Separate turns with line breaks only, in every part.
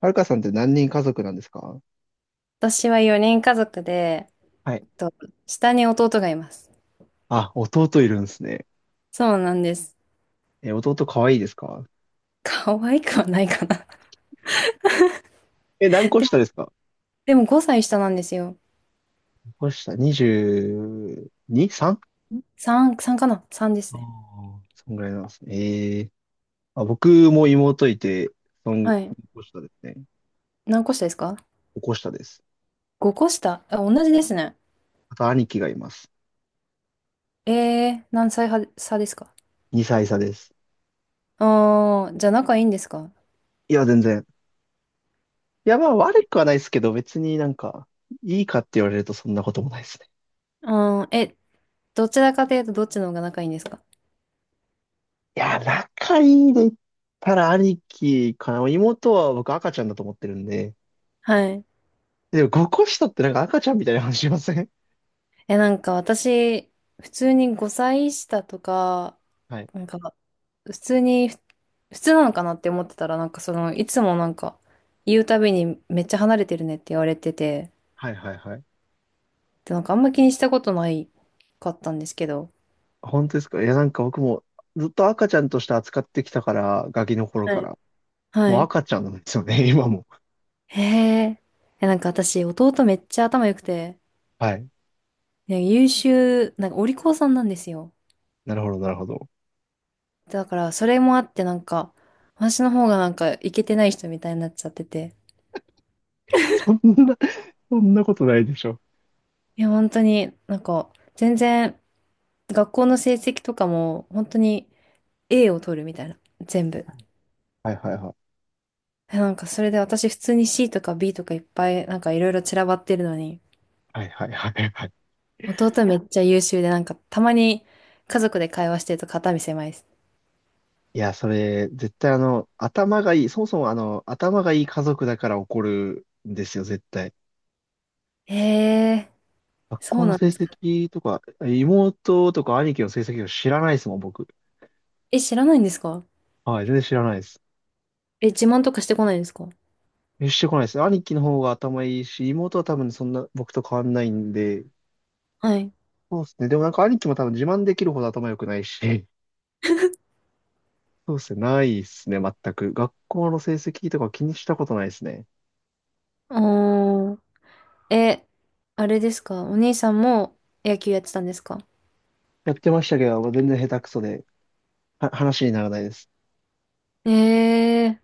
はるかさんって何人家族なんですか？
私は4人家族で、
はい。
えっと、下に弟がいます。
あ、弟いるんですね。
そうなんです。
え、弟可愛いですか？
可愛くはないかな。
え、何 個
でも、
下ですか？
でも5歳下なんですよ。
何個下 ?22?3? 3?
3、3かな？ 3 で
あ
す
あ
ね。
ー、そんぐらいなんですね。ええ。あ、僕も妹いて、そん、
はい。
個下ですね。
何個下ですか？
5個下です。
5 個下。あ、同じですね。
あと兄貴がいます。
何歳は差ですか？
2歳差です。
あー、じゃあ仲いいんですか？
いや、全然。いや、まあ悪くはないですけど、別になんか、いいかって言われるとそんなこともないですね。
あー、え、どちらかというとどっちの方が仲いいんですか？
いや、仲いいで言ったら兄貴かな。妹は僕赤ちゃんだと思ってるんで、
はい。
でも、5個下ってなんか赤ちゃんみたいな話しません？
え、なんか私、普通に5歳下とか、
はい。
なんか、普通に、普通なのかなって思ってたら、なんかその、いつもなんか、言うたびにめっちゃ離れてるねって言われてて、
はいはいはい。
で、なんかあんま気にしたことないかったんですけど、
本当ですか？いや、なんか僕もずっと赤ちゃんとして扱ってきたから、ガキの頃
は
か
い。
ら。
は
もう
い。
赤ちゃんなんですよね、今も。
へえ、え、なんか私、弟めっちゃ頭良くて、
はい。
ね、優秀、なんかお利口さんなんですよ。
なるほど、なるほど。
だから、それもあって、なんか、私の方がなんか、イケてない人みたいになっちゃってて。
そんな、そんなことないでしょ。
いや、本当に、なんか、全然、学校の成績とかも、本当に、A を取るみたいな、全部。
はいはいはい。
え、なんかそれで私普通に C とか B とかいっぱいなんかいろいろ散らばってるのに、
はいはいはいはい。
弟めっちゃ優秀でなんかたまに家族で会話してると肩身狭いです。
いや、それ、絶対頭がいい、そもそも頭がいい家族だから起こるんですよ、絶対。
ええ、
学
そう
校の
なん
成
ですか。
績とか、妹とか兄貴の成績を知らないですもん、僕。
え、知らないんですか？
はい、全然知らないです。
え、自慢とかしてこないんですか？
え、してこないですね。兄貴の方が頭いいし、妹は多分そんな僕と変わんないんで、
はい。
そうですね。でもなんか兄貴も多分自慢できるほど頭良くないし、そうですね。ないですね、全く。学校の成績とか気にしたことないですね。
おー。え、あれですか？お兄さんも野球やってたんですか？
やってましたけど、全然下手くそで、話にならないです。
ええ。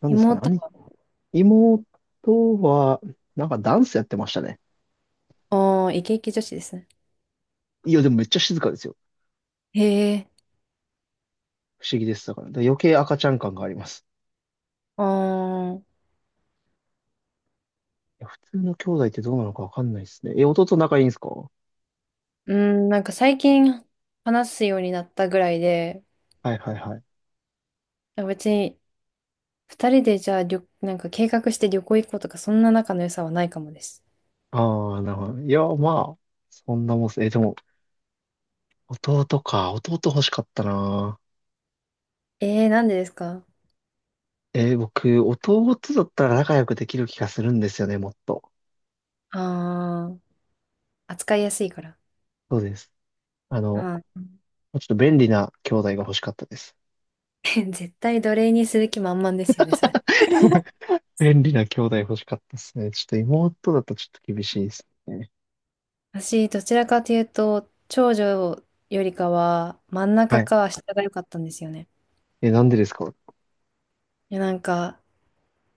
なんですかね。
妹は、
妹は、なんかダンスやってましたね。
おー、イケイケ女子ですね。
いや、でもめっちゃ静かですよ。
ええ、
不思議です。だから余計赤ちゃん感があります。
あー。
いや普通の兄弟ってどうなのかわかんないですね。え、弟仲いいんですか？は
うん、なんか最近話すようになったぐらいで、
いはいはい。
別に二人でじゃあ旅、なんか計画して旅行行こうとか、そんな仲の良さはないかもです。
ああ、なるほど。いや、まあ、そんなもんっす。え、でも、弟か。弟欲しかったな。
えー、なんでですか？
僕、弟だったら仲良くできる気がするんですよね、もっと。
あー、扱いやすいから。
そうです。あの、
あ
ちょっと便利な兄弟が欲しかったです。
ー。 絶対奴隷にする気満々ですよね、それ。
便利な兄弟欲しかったですね。ちょっと妹だとちょっと厳しいですね。
私、どちらかというと、長女よりかは、真ん
は
中
い。
か下が良かったんですよね。
え、なんでですか？
いや、なんか、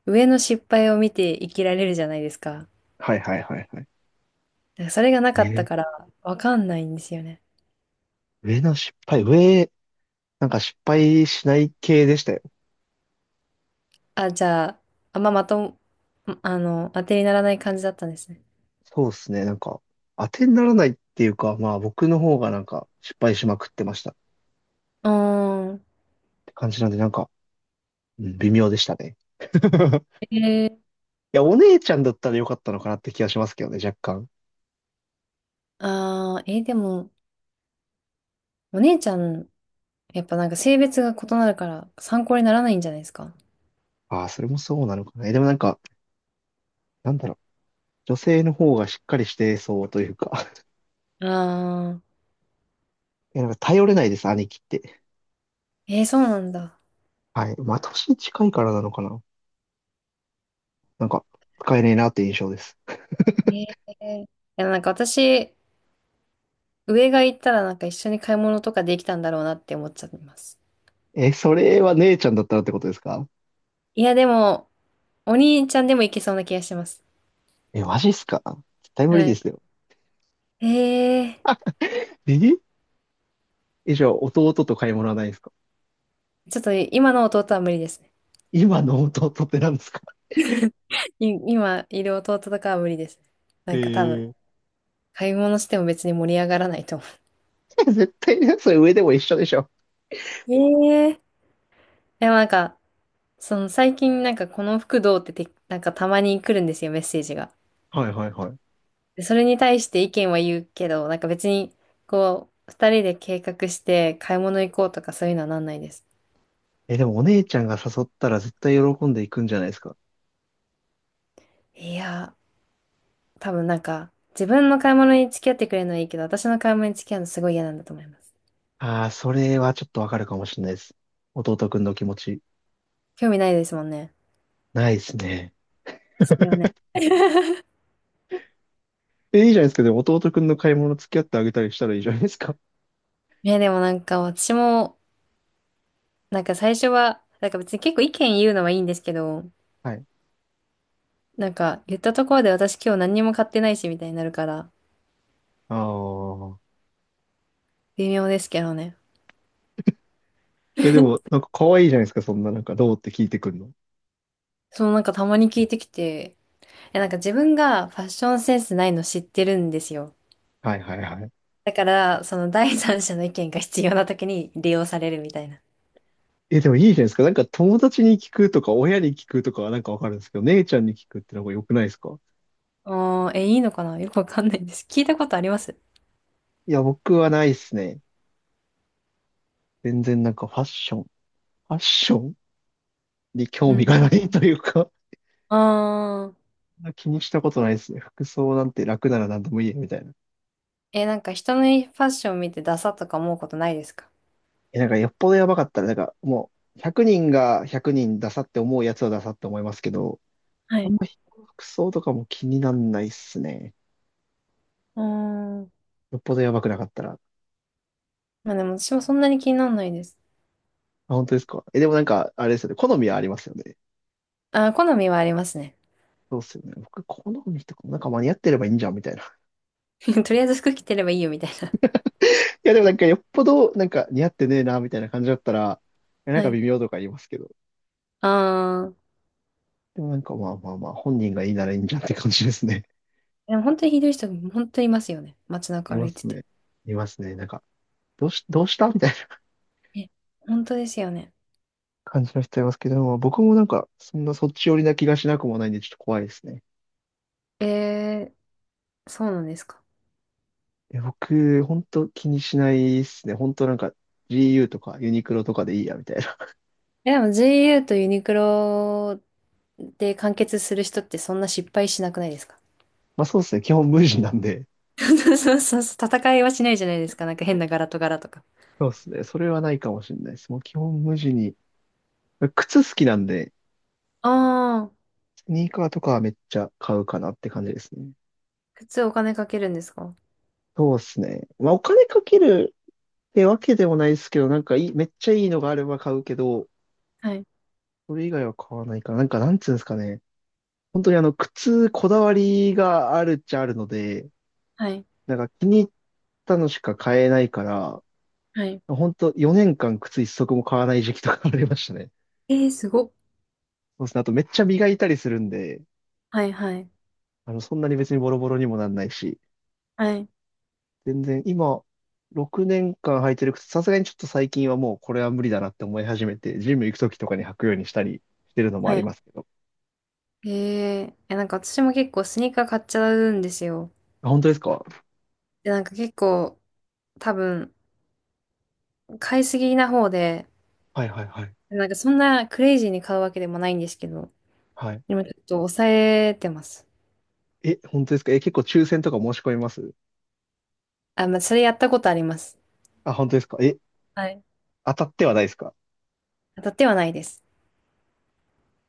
上の失敗を見て生きられるじゃないですか。
はいはいはいはい。
だからそれがな
え
かった
ー
から、わかんないんですよね。
上の失敗、なんか失敗しない系でしたよ。
あ、じゃあ、あんままとも、当てにならない感じだったんですね。
そうですね。なんか、当てにならないっていうか、まあ僕の方がなんか失敗しまくってましたっ
うーん。
て感じなんで、なんか、うん、微妙でしたね。
えー、
いや、お姉ちゃんだったらよかったのかなって気がしますけどね、若干。
でも、お姉ちゃん、やっぱなんか性別が異なるから参考にならないんじゃないですか？
ああ、それもそうなのかな。え、でもなんか、なんだろう。女性の方がしっかりしてそうというか。
あ。あ
いや、なんか頼れないです、兄貴って。
ー、えー、そうなんだ。
はい。まあ、年近いからなのかな。なんか、使えねえなって印象です。
えー、いや、なんか私、上が行ったらなんか一緒に買い物とかできたんだろうなって思っちゃいます。
え、それは姉ちゃんだったらってことですか？
いや、でも、お兄ちゃんでも行けそうな気がしてます。
え、マジっすか？絶対無理
は
で
い。
すよ。
え
ええ、じゃあ、弟と買い物はないんですか？
ちょっと今の弟は無理ですね。
今の弟って何ですか？
今いる弟とかは無理です。なんか多分、
ええ。
買い物しても別に盛り上がらないと思う。
絶対ね、それ上でも一緒でしょ。
えー、でもなんか、その最近なんかこの服どうってて、なんかたまに来るんですよ、メッセージが。
はいはいはい。
でそれに対して意見は言うけど、なんか別に、こう、二人で計画して買い物行こうとかそういうのはなんないです。
え、でもお姉ちゃんが誘ったら絶対喜んでいくんじゃないですか。
いやー、多分なんか、自分の買い物に付き合ってくれるのはいいけど、私の買い物に付き合うのすごい嫌なんだと思います。
ああ、それはちょっとわかるかもしれないです。弟くんの気持ち。
興味ないですもんね。
ないですね。
ですよね。
え、いいじゃないですか。でも弟くんの買い物付き合ってあげたりしたらいいじゃないですか。
ね、でもなんか私も、なんか最初は、なんか別に結構意見言うのはいいんですけど、
はい。
なんか言ったところで私今日何にも買ってないしみたいになるから、
ああ。
微妙ですけどね。
え、でも、なんか可愛いじゃないですか。そんな、なんか、どうって聞いてくるの。
そう、なんかたまに聞いてきて、え、なんか自分がファッションセンスないの知ってるんですよ。
はいはいはい。
だから、その第三者の意見が必要な時に利用されるみたいな。
え、でもいいじゃないですか。なんか友達に聞くとか、親に聞くとかはなんかわかるんですけど、姉ちゃんに聞くってのが良くないですか？
あー、え、いいのかなよくわかんないです。聞いたことあります？
いや、僕はないですね。全然なんかファッションに
う
興
ん。
味がないというか、
あー、
そんな気にしたことないですね。服装なんて楽なら何でもいいや、みたいな。
え、なんか人のファッション見てダサとか思うことないですか？
え、なんかよっぽどやばかったら、なんかもう、100人が100人ダサって思うやつはダサって思いますけど、
は
あん
い。
ま人の服装とかも気になんないっすね。
うーん。
よっぽどやばくなかったら。
まあでも私もそんなに気にならないです。
あ、本当ですか？え、でもなんか、あれですよね。好みはありますよね。
あー、好みはありますね。
そうっすよね。僕、好みとかもなんか間に合ってればいいんじゃん、みたいな。
とりあえず服着てればいいよみたい
いや、でもなんかよっぽど、なんか似合ってねえな、みたいな感じだったら、いやなん
な。は
か
い。
微妙とか言いますけど。
あー、
でもなんかまあまあまあ、本人がいいならいいんじゃんって感じですね。
でも本当にひどい人、本当にいますよね。街
い
中歩
ま
い
す
てて。
ね。いますね。なんか、どうしたみたいな
え、本当ですよね。
感じの人いますけど、まあ僕もなんか、そんなそっち寄りな気がしなくもないんで、ちょっと怖いですね。
えー、そうなんですか。
いや僕、ほんと気にしないっすね。ほんとなんか、GU とかユニクロとかでいいや、みたいな。
え、でも GU とユニクロで完結する人ってそんな失敗しなくないですか？
まあそうですね。基本無地なんで。
そうそうそう、戦いはしないじゃないですか。なんか変な柄と柄とか。
そうですね。それはないかもしれないです。もう基本無地に。靴好きなんで、
ああ、
スニーカーとかはめっちゃ買うかなって感じですね。
靴お金かけるんですか？
そうですね。まあ、お金かけるってわけでもないですけど、なんかいい、めっちゃいいのがあれば買うけど、
はい、
それ以外は買わないかななんか、なんつうんですかね。本当に靴、こだわりがあるっちゃあるので、
はい、
なんか気に入ったのしか買えないから、
はい。
本当4年間靴一足も買わない時期とかありましたね。
えー、すごっ。
そうですね。あとめっちゃ磨いたりするんで、
はい、はい、
そんなに別にボロボロにもなんないし、
はい、
全然、今、6年間履いてる靴、さすがにちょっと最近はもうこれは無理だなって思い始めて、ジム行くときとかに履くようにしたりしてるのもあ
は
り
い。
ますけど。
ええ、いや、なんか私も結構スニーカー買っちゃうんですよ。
あ、本当ですか？
で、なんか結構多分買いすぎな方で、
はいはいはい。
なんかそんなクレイジーに買うわけでもないんですけど、
はい。
でもちょっと抑えてます。
え、本当ですか？え、結構抽選とか申し込みます？
あ、まあ、それやったことあります。
あ、本当ですか？え、
はい。
当たってはないですか？
当たってはないです。